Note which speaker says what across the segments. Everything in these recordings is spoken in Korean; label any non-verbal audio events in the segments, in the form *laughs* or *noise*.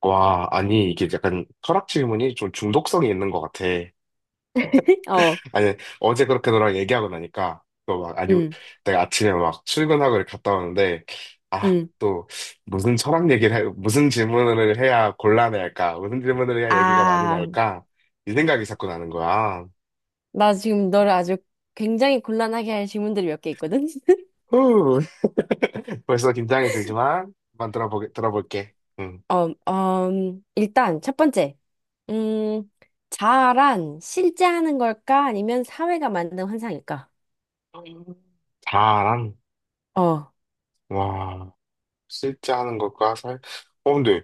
Speaker 1: 와, 아니, 이게 약간 철학 질문이 좀 중독성이 있는 것 같아.
Speaker 2: 어,
Speaker 1: 아니, 어제 그렇게 너랑 얘기하고 나니까, 또 막, 아니,
Speaker 2: 응,
Speaker 1: 내가 아침에 막 출근하고 이렇게 갔다 오는데, 아,
Speaker 2: 응.
Speaker 1: 또, 무슨 철학 얘기를, 무슨 질문을 해야 곤란해 할까? 무슨 질문을 해야 얘기가 많이
Speaker 2: 아,
Speaker 1: 나올까? 이 생각이 자꾸 나는 거야.
Speaker 2: 나 지금 너를 아주 굉장히 곤란하게 할 질문들이 몇 개 있거든? *laughs*
Speaker 1: 후, *laughs* 벌써 긴장이 되지만, 한번 들어볼게. 응.
Speaker 2: 어, 일단 첫 번째. 음, 자아란 실제 하는 걸까? 아니면 사회가 만든 환상일까?
Speaker 1: 자랑,
Speaker 2: 어,
Speaker 1: 와, 실제 하는 것과 근데,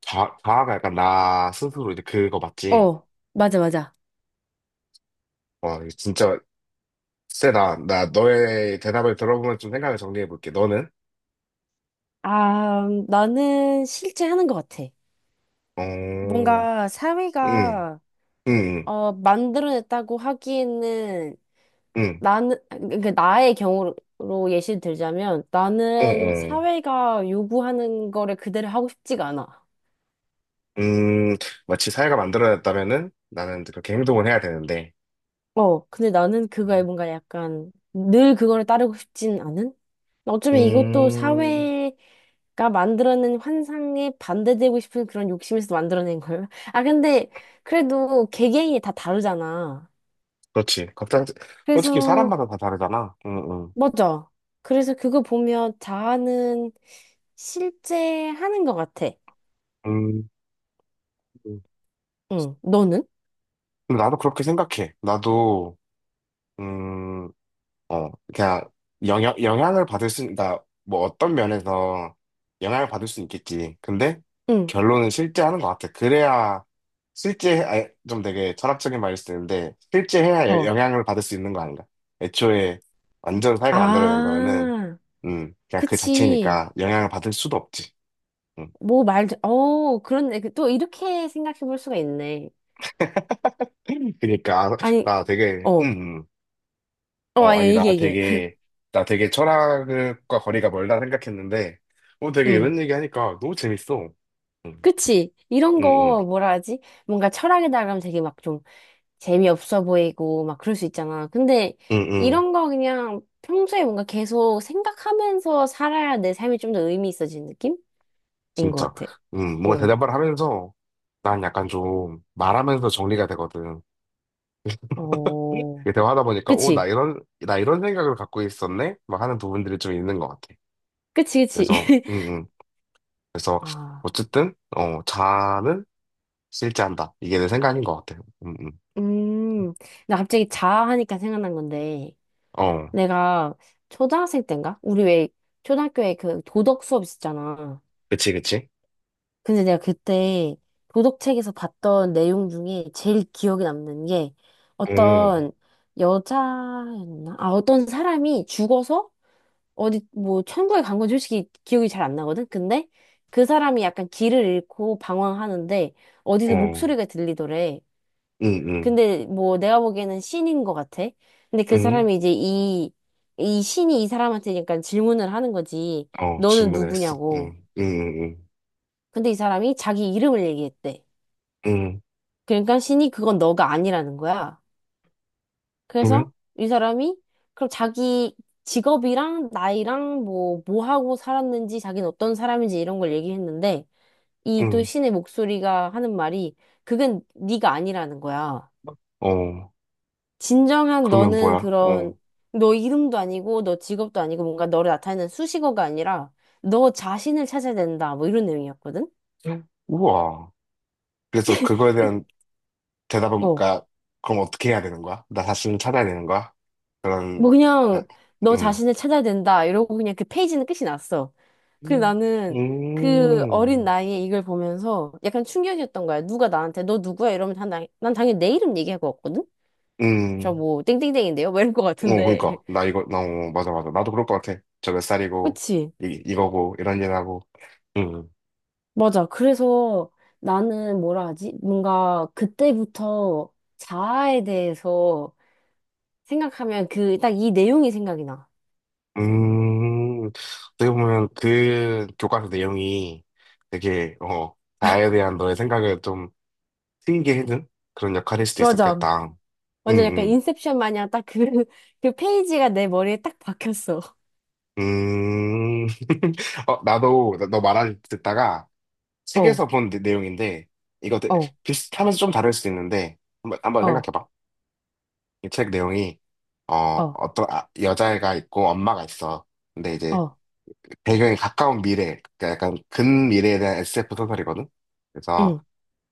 Speaker 1: 자아가 약간 나 스스로 이제 그거 맞지?
Speaker 2: 어, 맞아, 맞아.
Speaker 1: 와, 이거 진짜 세다. 나 너의 대답을 들어보면 좀 생각을 정리해 볼게. 너는?
Speaker 2: 아, 나는 실제 하는 것 같아.
Speaker 1: 어,
Speaker 2: 뭔가
Speaker 1: 응,
Speaker 2: 사회가
Speaker 1: 응,
Speaker 2: 만들어냈다고 하기에는
Speaker 1: 응,
Speaker 2: 나는, 그러니까 나의 경우로 예시를 들자면
Speaker 1: 응,
Speaker 2: 나는
Speaker 1: 어, 어.
Speaker 2: 사회가 요구하는 거를 그대로 하고 싶지가 않아.
Speaker 1: 음, 마치 사회가 만들어졌다면은 나는 이제 그렇게 행동을 해야 되는데.
Speaker 2: 근데 나는 그거에 뭔가 약간 늘 그거를 따르고 싶진 않은? 어쩌면 이것도
Speaker 1: 음,
Speaker 2: 사회가 만들어낸 환상에 반대되고 싶은 그런 욕심에서 만들어낸 걸. *laughs* 아, 근데 그래도 개개인이 다 다르잖아.
Speaker 1: 그렇지. 갑자기, 솔직히
Speaker 2: 그래서,
Speaker 1: 사람마다 다 다르잖아. 응, 응.
Speaker 2: 맞아. 그래서 그거 보면 자아는 실제 하는 것 같아.
Speaker 1: 음, 음.
Speaker 2: 응, 너는?
Speaker 1: 근데 나도 그렇게 생각해. 나도, 음, 그냥 영향을 그러니까 뭐 어떤 면에서 영향을 받을 수 있겠지. 근데
Speaker 2: 응,
Speaker 1: 결론은 실제 하는 것 같아. 그래야 좀 되게 철학적인 말일 수도 있는데, 실제 해야
Speaker 2: 더.
Speaker 1: 영향을 받을 수 있는 거 아닌가. 애초에 완전 사회가 만들어낸 거는,
Speaker 2: 아,
Speaker 1: 그냥 그
Speaker 2: 그치.
Speaker 1: 자체니까 영향을 받을 수도 없지. 음.
Speaker 2: 뭐 말도, 그런데 또 이렇게 생각해 볼 수가 있네.
Speaker 1: *laughs* 그러니까
Speaker 2: 아니,
Speaker 1: 나 되게,
Speaker 2: 어, 아니야,
Speaker 1: 아니, 나
Speaker 2: 이게.
Speaker 1: 되게, 나 되게 철학과 거리가 멀다 생각했는데, 되게 이런
Speaker 2: 응,
Speaker 1: 얘기 하니까 너무 재밌어. 응,
Speaker 2: 그치. 이런
Speaker 1: 응, 응,
Speaker 2: 거 뭐라 하지? 뭔가 철학에다 가면 되게 막 좀 재미없어 보이고 막 그럴 수 있잖아. 근데
Speaker 1: 응, 응,
Speaker 2: 이런 거 그냥 평소에 뭔가 계속 생각하면서 살아야 내 삶이 좀 더 의미 있어지는 느낌인 것
Speaker 1: 진짜.
Speaker 2: 같아.
Speaker 1: 응, 뭔가
Speaker 2: 어,
Speaker 1: 대답을 하면서, 난 약간 좀 말하면서 정리가 되거든.
Speaker 2: 어,
Speaker 1: 이게 대화하다 보니까, 오, 나
Speaker 2: 그치.
Speaker 1: 이런, 나 이런 생각을 갖고 있었네? 막 하는 부분들이 좀 있는 것 같아.
Speaker 2: 그치, 그치.
Speaker 1: 그래서, 응,
Speaker 2: *laughs*
Speaker 1: 응. 그래서,
Speaker 2: 아.
Speaker 1: 어쨌든, 자아는 실제한다. 이게 내 생각인 것 같아. 응, 응.
Speaker 2: 음, 나 갑자기 자하니까 생각난 건데,
Speaker 1: 어,
Speaker 2: 내가 초등학생 때인가? 우리 왜 초등학교에 그 도덕 수업 있었잖아.
Speaker 1: 그치, 그치.
Speaker 2: 근데 내가 그때 도덕책에서 봤던 내용 중에 제일 기억에 남는 게
Speaker 1: 응,
Speaker 2: 어떤 여자였나? 아, 어떤 사람이 죽어서 어디 뭐 천국에 간 건 솔직히 기억이 잘 안 나거든? 근데 그 사람이 약간 길을 잃고 방황하는데 어디서
Speaker 1: 어,
Speaker 2: 목소리가 들리더래.
Speaker 1: 응, 응.
Speaker 2: 근데 뭐 내가 보기에는 신인 것 같아. 근데 그
Speaker 1: 응?
Speaker 2: 사람이 이제 이 신이 이 사람한테 약간 질문을 하는 거지.
Speaker 1: 어,
Speaker 2: 너는
Speaker 1: 질문을 했어.
Speaker 2: 누구냐고.
Speaker 1: 응, 응, 응,
Speaker 2: 근데 이 사람이 자기 이름을 얘기했대.
Speaker 1: 응. 응.
Speaker 2: 그러니까 신이 그건 너가 아니라는 거야. 그래서
Speaker 1: 그러면?
Speaker 2: 이 사람이 그럼 자기 직업이랑 나이랑 뭐 하고 살았는지 자기는 어떤 사람인지 이런 걸 얘기했는데 이 또
Speaker 1: 응.
Speaker 2: 신의 목소리가 하는 말이 그건 네가 아니라는 거야.
Speaker 1: 어,
Speaker 2: 진정한
Speaker 1: 그러면
Speaker 2: 너는
Speaker 1: 뭐야? 어.
Speaker 2: 그런 너 이름도 아니고 너 직업도 아니고 뭔가 너를 나타내는 수식어가 아니라 너 자신을 찾아야 된다. 뭐 이런 내용이었거든.
Speaker 1: 응. 우와. 그래서 그거에 대한 대답은,
Speaker 2: 어.
Speaker 1: 그러니까, 그럼 어떻게 해야 되는 거야? 나 자신을 찾아야 되는 거야? 그런,
Speaker 2: 뭐
Speaker 1: 나-
Speaker 2: 그냥 너
Speaker 1: 응.
Speaker 2: 자신을 찾아야 된다. 이러고 그냥 그 페이지는 끝이 났어. 그래
Speaker 1: 음,
Speaker 2: 나는 그 어린
Speaker 1: 음,
Speaker 2: 나이에 이걸 보면서 약간 충격이었던 거야. 누가 나한테 너 누구야? 이러면 난, 난 당연히 내 이름 얘기할 것 같거든. 저
Speaker 1: 음.
Speaker 2: 뭐 땡땡땡인데요? 뭐 이럴 것
Speaker 1: 어,
Speaker 2: 같은데.
Speaker 1: 그러니까. 나
Speaker 2: *laughs*
Speaker 1: 이거, 나, 어, 맞아, 맞아. 나도 그럴 것 같아. 저 몇 살이고,
Speaker 2: 그치?
Speaker 1: 이거고, 이런 일 하고. 응.
Speaker 2: 맞아. 그래서 나는 뭐라 하지? 뭔가 그때부터 자아에 대해서 생각하면 그, 딱 이 내용이 생각이 나.
Speaker 1: 어떻게 보면 그 교과서 내용이 되게, 나에 대한 너의 생각을 좀 트이게 해준 그런 역할일 수도
Speaker 2: 맞아.
Speaker 1: 있었겠다. 음,
Speaker 2: 완전 약간
Speaker 1: 음,
Speaker 2: 인셉션 마냥 딱 그, *laughs* 그 페이지가 내 머리에 딱 박혔어.
Speaker 1: 음. *laughs* 나도, 너 말을 듣다가
Speaker 2: 어,
Speaker 1: 책에서 본 내용인데, 이거 되-
Speaker 2: 어,
Speaker 1: 비슷하면서 좀 다를 수도 있는데, 한번
Speaker 2: 어,
Speaker 1: 생각해봐. 이 책 내용이,
Speaker 2: 어,
Speaker 1: 어떤 여자애가 있고 엄마가 있어. 근데 이제
Speaker 2: 어,
Speaker 1: 배경이 가까운 미래, 그러니까 약간 근미래에 대한 SF 소설이거든? 그래서
Speaker 2: 응,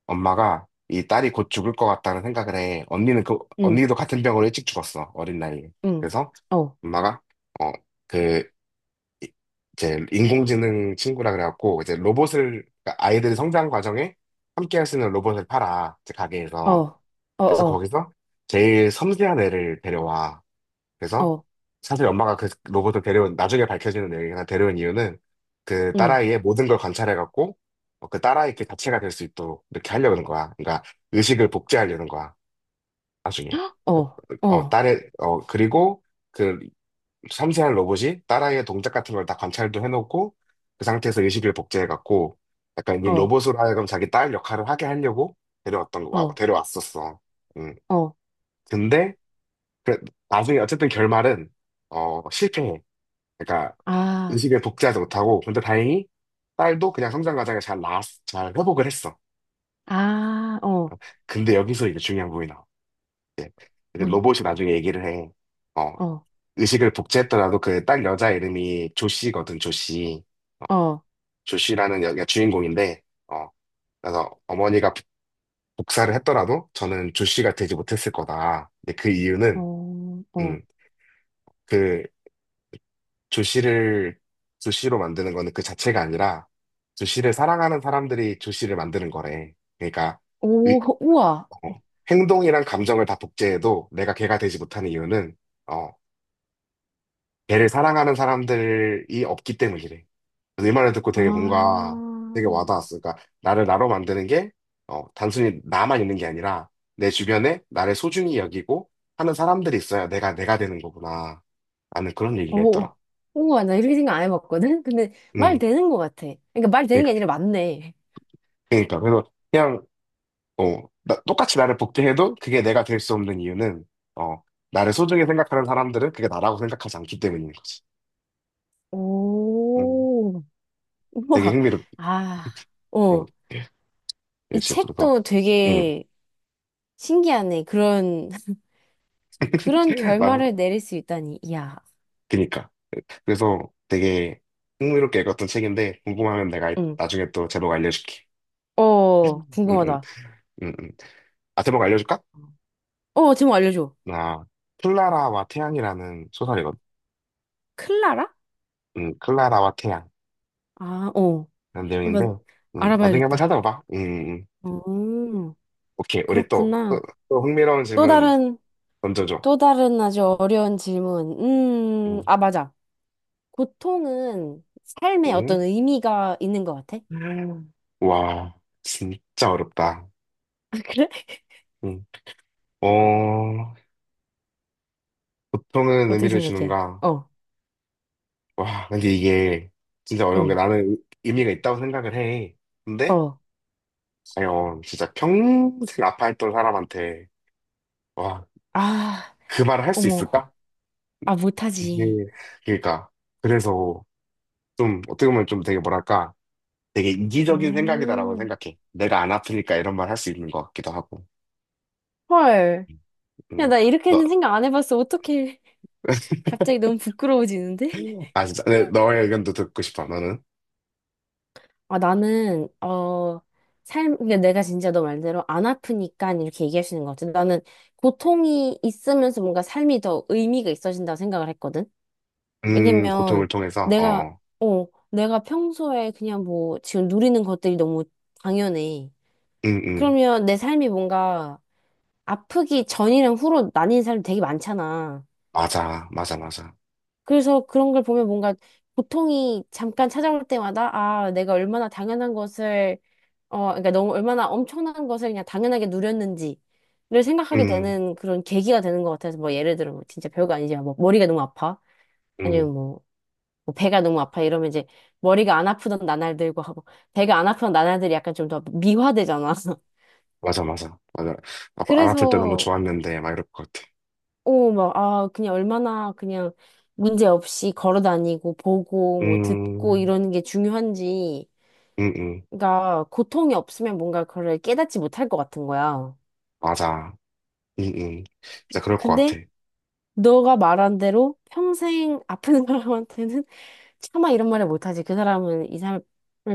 Speaker 1: 엄마가 이 딸이 곧 죽을 것 같다는 생각을 해. 언니는 그,
Speaker 2: 응,
Speaker 1: 언니도 같은 병으로 일찍 죽었어, 어린 나이에.
Speaker 2: 응,
Speaker 1: 그래서
Speaker 2: 어,
Speaker 1: 엄마가, 어, 그, 이- 이제 인공지능 친구라 그래갖고, 이제 로봇을, 그러니까 아이들이 성장 과정에 함께 할 수 있는 로봇을 팔아, 이제
Speaker 2: 어,
Speaker 1: 가게에서.
Speaker 2: 어,
Speaker 1: 그래서
Speaker 2: 어,
Speaker 1: 거기서 제일 섬세한 애를 데려와. 그래서
Speaker 2: 어,
Speaker 1: 사실 엄마가 그 로봇을 데려온 나중에 밝혀지는 내용이나 데려온 이유는 그
Speaker 2: 응,
Speaker 1: 딸아이의 모든 걸 관찰해갖고 그 딸아이 그 자체가 될 수 있도록 이렇게 하려는 거야. 그러니까 의식을 복제하려는 거야. 나중에 어,
Speaker 2: 어, 어,
Speaker 1: 딸의 그리고 그 섬세한 로봇이 딸아이의 동작 같은 걸 다 관찰도 해놓고 그 상태에서 의식을 복제해갖고 약간 이
Speaker 2: 어,
Speaker 1: 로봇으로 하여금 자기 딸 역할을 하게 하려고 데려왔던 거- 와-
Speaker 2: 어,
Speaker 1: 데려왔었어. 음
Speaker 2: 어,
Speaker 1: 근데 그 나중에 어쨌든 결말은 실패해. 그러니까
Speaker 2: 아,
Speaker 1: 의식을 복제하지 못하고 근데 다행히 딸도 그냥 성장 과정에 잘나잘 회복을 했어.
Speaker 2: 아, 어,
Speaker 1: 근데 여기서 이제 중요한 부분이 나와. 근데
Speaker 2: 문,
Speaker 1: 로봇이 나중에 얘기를 해. 어,
Speaker 2: 어,
Speaker 1: 의식을 복제했더라도 그 딸 여자 이름이 조씨거든, 조씨.
Speaker 2: 어,
Speaker 1: 조씨라는 여기가 주인공인데, 어, 그래서 어머니가 복사를 했더라도 저는 조씨가 되지 못했을 거다. 근데 그 이유는,
Speaker 2: 어, 어.
Speaker 1: 음, 그 조시를 조시로 만드는 거는 그 자체가 아니라 조시를 사랑하는 사람들이 조시를 만드는 거래. 그러니까
Speaker 2: 오,
Speaker 1: 의-
Speaker 2: 그 우와.
Speaker 1: 어, 행동이랑 감정을 다 복제해도 내가 걔가 되지 못하는 이유는 어, 걔를 사랑하는 사람들이 없기 때문이래. 그래서 이 말을 듣고 되게 뭔가 되게
Speaker 2: 아,
Speaker 1: 와닿았어. 그러니까 나를 나로 만드는 게 단순히 나만 있는 게 아니라 내 주변에 나를 소중히 여기고 하는 사람들이 있어야 내가 내가 되는 거구나. 라는 그런 얘기가
Speaker 2: 오,
Speaker 1: 있더라.
Speaker 2: 우와, 나 이렇게 생각 안 해봤거든? 근데 말
Speaker 1: 음.
Speaker 2: 되는 것 같아. 그러니까 말 되는 게
Speaker 1: 그러니까
Speaker 2: 아니라 맞네.
Speaker 1: 그러니까 그래서 그냥 똑같이 나를 복제해도 그게 내가 될 수 없는 이유는 어 나를 소중히 생각하는 사람들은 그게 나라고 생각하지 않기 때문인 거지. 음,
Speaker 2: 오,
Speaker 1: 되게
Speaker 2: 우와.
Speaker 1: 흥미롭.
Speaker 2: 아,
Speaker 1: 음,
Speaker 2: 어. 이
Speaker 1: 역시 그래서
Speaker 2: 책도
Speaker 1: 음,
Speaker 2: 되게 신기하네. 그런, *laughs* 그런
Speaker 1: *laughs* 나
Speaker 2: 결말을 내릴 수 있다니. 이야.
Speaker 1: 그니까 그래서 되게 흥미롭게 읽었던 책인데 궁금하면 내가
Speaker 2: 응.
Speaker 1: 나중에 또 제목 알려줄게.
Speaker 2: 어,
Speaker 1: 음, 음,
Speaker 2: 궁금하다.
Speaker 1: 음, 음. 아 제목 알려줄까?
Speaker 2: 어, 제목 알려줘.
Speaker 1: 나 클라라와 태양이라는 소설이거든.
Speaker 2: 클라라?
Speaker 1: 클라라와 태양
Speaker 2: 아, 어.
Speaker 1: 이런 내용인데
Speaker 2: 한번
Speaker 1: 나중에 한번
Speaker 2: 알아봐야겠다.
Speaker 1: 찾아봐봐. 음. 음.
Speaker 2: 음,
Speaker 1: 오케이, 우리 또, 또,
Speaker 2: 그렇구나.
Speaker 1: 또 흥미로운
Speaker 2: 또
Speaker 1: 질문
Speaker 2: 다른
Speaker 1: 던져줘.
Speaker 2: 또 다른 아주 어려운 질문.
Speaker 1: 응.
Speaker 2: 아, 맞아. 고통은 삶에
Speaker 1: 응?
Speaker 2: 어떤 의미가 있는 것 같아? *laughs*
Speaker 1: 음. 와, 진짜 어렵다.
Speaker 2: 아, 그래?
Speaker 1: 응. 어, 보통은
Speaker 2: 어떻게
Speaker 1: 의미를
Speaker 2: 생각해?
Speaker 1: 주는가?
Speaker 2: 어,
Speaker 1: 와, 근데 이게 진짜 어려운 게
Speaker 2: 응,
Speaker 1: 나는 의미가 있다고 생각을 해. 근데,
Speaker 2: 어.
Speaker 1: 과연 진짜 평생 아파했던 사람한테, 와,
Speaker 2: 아,
Speaker 1: 그 말을 할 수
Speaker 2: 어머.
Speaker 1: 있을까?
Speaker 2: 아,
Speaker 1: 이게,
Speaker 2: 못하지.
Speaker 1: 그러니까. 그래서 좀, 어떻게 보면 좀 되게 뭐랄까, 되게 이기적인 생각이다라고
Speaker 2: 음,
Speaker 1: 생각해. 내가 안 아프니까 이런 말 할 수 있는 것 같기도 하고.
Speaker 2: 헐. 야,
Speaker 1: 음,
Speaker 2: 나
Speaker 1: 너,
Speaker 2: 이렇게는 생각 안 해봤어. 어떻게 *laughs* 갑자기
Speaker 1: *laughs*
Speaker 2: 너무 부끄러워지는데?
Speaker 1: 아, 진짜. 네,
Speaker 2: *laughs*
Speaker 1: 너의 의견도 듣고 싶어, 너는.
Speaker 2: 아, 나는, 삶, 그러니까 내가 진짜 너 말대로 안 아프니까 이렇게 얘기할 수 있는 것 같아. 나는 고통이 있으면서 뭔가 삶이 더 의미가 있어진다고 생각을 했거든.
Speaker 1: 고통을
Speaker 2: 왜냐면
Speaker 1: 통해서, 어,
Speaker 2: 내가,
Speaker 1: 어.
Speaker 2: 내가 평소에 그냥 뭐 지금 누리는 것들이 너무 당연해.
Speaker 1: 음, 음.
Speaker 2: 그러면 내 삶이 뭔가 아프기 전이랑 후로 나뉜 사람이 되게 많잖아.
Speaker 1: 맞아, 맞아, 맞아.
Speaker 2: 그래서 그런 걸 보면 뭔가 고통이 잠깐 찾아올 때마다 아, 내가 얼마나 당연한 것을, 그러니까 너무 얼마나 엄청난 것을 그냥 당연하게 누렸는지. 를 생각하게
Speaker 1: 음,
Speaker 2: 되는 그런 계기가 되는 것 같아서 뭐 예를 들어 뭐 진짜 별거 아니지만 뭐 머리가 너무 아파
Speaker 1: 음.
Speaker 2: 아니면 뭐 배가 너무 아파 이러면 이제 머리가 안 아프던 나날들과 하고 배가 안 아프던 나날들이 약간 좀 더 미화되잖아. *laughs*
Speaker 1: 맞아, 맞아. 맞아. 안 아플 때 너무
Speaker 2: 그래서
Speaker 1: 좋았는데, 막 이럴 것 같아.
Speaker 2: 오 막 아 그냥 얼마나 그냥 문제 없이 걸어 다니고 보고 뭐 듣고
Speaker 1: 음,
Speaker 2: 이러는 게 중요한지
Speaker 1: 음, 음.
Speaker 2: 그러니까 고통이 없으면 뭔가 그걸 깨닫지 못할 것 같은 거야.
Speaker 1: 맞아. 진짜 그럴 것
Speaker 2: 근데
Speaker 1: 같아.
Speaker 2: 너가 말한 대로 평생 아픈 *laughs* 사람한테는 차마 이런 말을 못하지. 그 사람은 이 삶을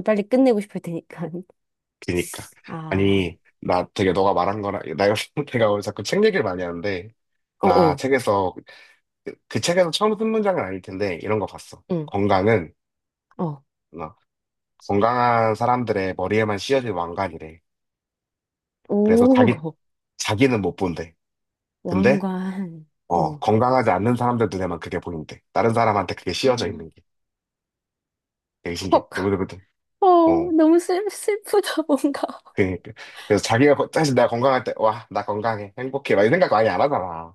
Speaker 2: 빨리 끝내고 싶을 테니까.
Speaker 1: 그니까.
Speaker 2: 아,
Speaker 1: 아니, 나 되게 너가 말한 거랑, 나 요즘 *laughs* 내가 오늘 자꾸 책 얘기를 많이 하는데, 나
Speaker 2: 어어,
Speaker 1: 책에서, 그 책에서 처음 쓴 문장은 아닐 텐데, 이런 거 봤어.
Speaker 2: 응,
Speaker 1: 건강은,
Speaker 2: 어.
Speaker 1: 어, 건강한 사람들의 머리에만 씌어진 왕관이래. 그래서 자기,
Speaker 2: 오,
Speaker 1: 자기는 못 본대. 근데,
Speaker 2: 왕관. 어.
Speaker 1: 건강하지 않는 사람들 눈에만 그게 보인대. 다른 사람한테 그게 씌어져 있는 게. 되게 신기해.
Speaker 2: 헉,
Speaker 1: 누구누구든.
Speaker 2: 어,
Speaker 1: 어,
Speaker 2: 너무 슬프다, 뭔가.
Speaker 1: 그니까. 그래서 자기가, 사실 내가 건강할 때, 와, 나 건강해. 행복해. 막 이런 생각 많이 안 하잖아.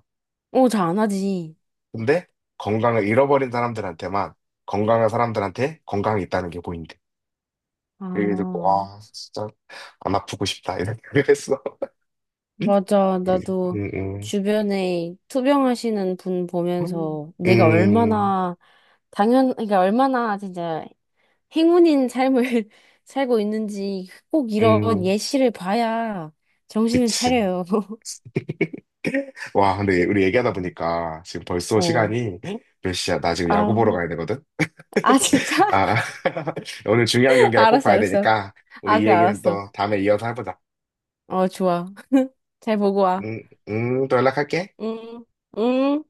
Speaker 2: 어, 잘 안 하지.
Speaker 1: 근데, 건강을 잃어버린 사람들한테만, 건강한 사람들한테 건강이 있다는 게 보인대. 그게 듣고,
Speaker 2: 아,
Speaker 1: 와, 진짜, 안 아프고 싶다. 이런 생각을 했어. *laughs*
Speaker 2: 맞아. 나도
Speaker 1: 음, 음,
Speaker 2: 주변에 투병하시는 분
Speaker 1: 음,
Speaker 2: 보면서 내가
Speaker 1: 음,
Speaker 2: 얼마나 당연, 그러니까 얼마나 진짜 행운인 삶을 *laughs* 살고 있는지 꼭 이런
Speaker 1: 음. *laughs*
Speaker 2: 예시를 봐야 정신을
Speaker 1: 그치.
Speaker 2: 차려요. *laughs*
Speaker 1: *laughs* 와, 근데 우리 얘기하다
Speaker 2: 음.
Speaker 1: 보니까 지금 벌써
Speaker 2: 어.
Speaker 1: 시간이 몇 시야? 나 지금 야구 보러
Speaker 2: 아,
Speaker 1: 가야 되거든?
Speaker 2: 아, 진짜?
Speaker 1: 아, *laughs* 오늘 중요한
Speaker 2: *laughs*
Speaker 1: 경기라 꼭
Speaker 2: 알았어,
Speaker 1: 봐야
Speaker 2: 알았어.
Speaker 1: 되니까
Speaker 2: 아,
Speaker 1: 우리 이
Speaker 2: 그
Speaker 1: 얘기는
Speaker 2: 알았어.
Speaker 1: 또 다음에 이어서 해보자.
Speaker 2: 어, 좋아. 잘 보고 와.
Speaker 1: 음, 또 연락할게.
Speaker 2: 응, 응.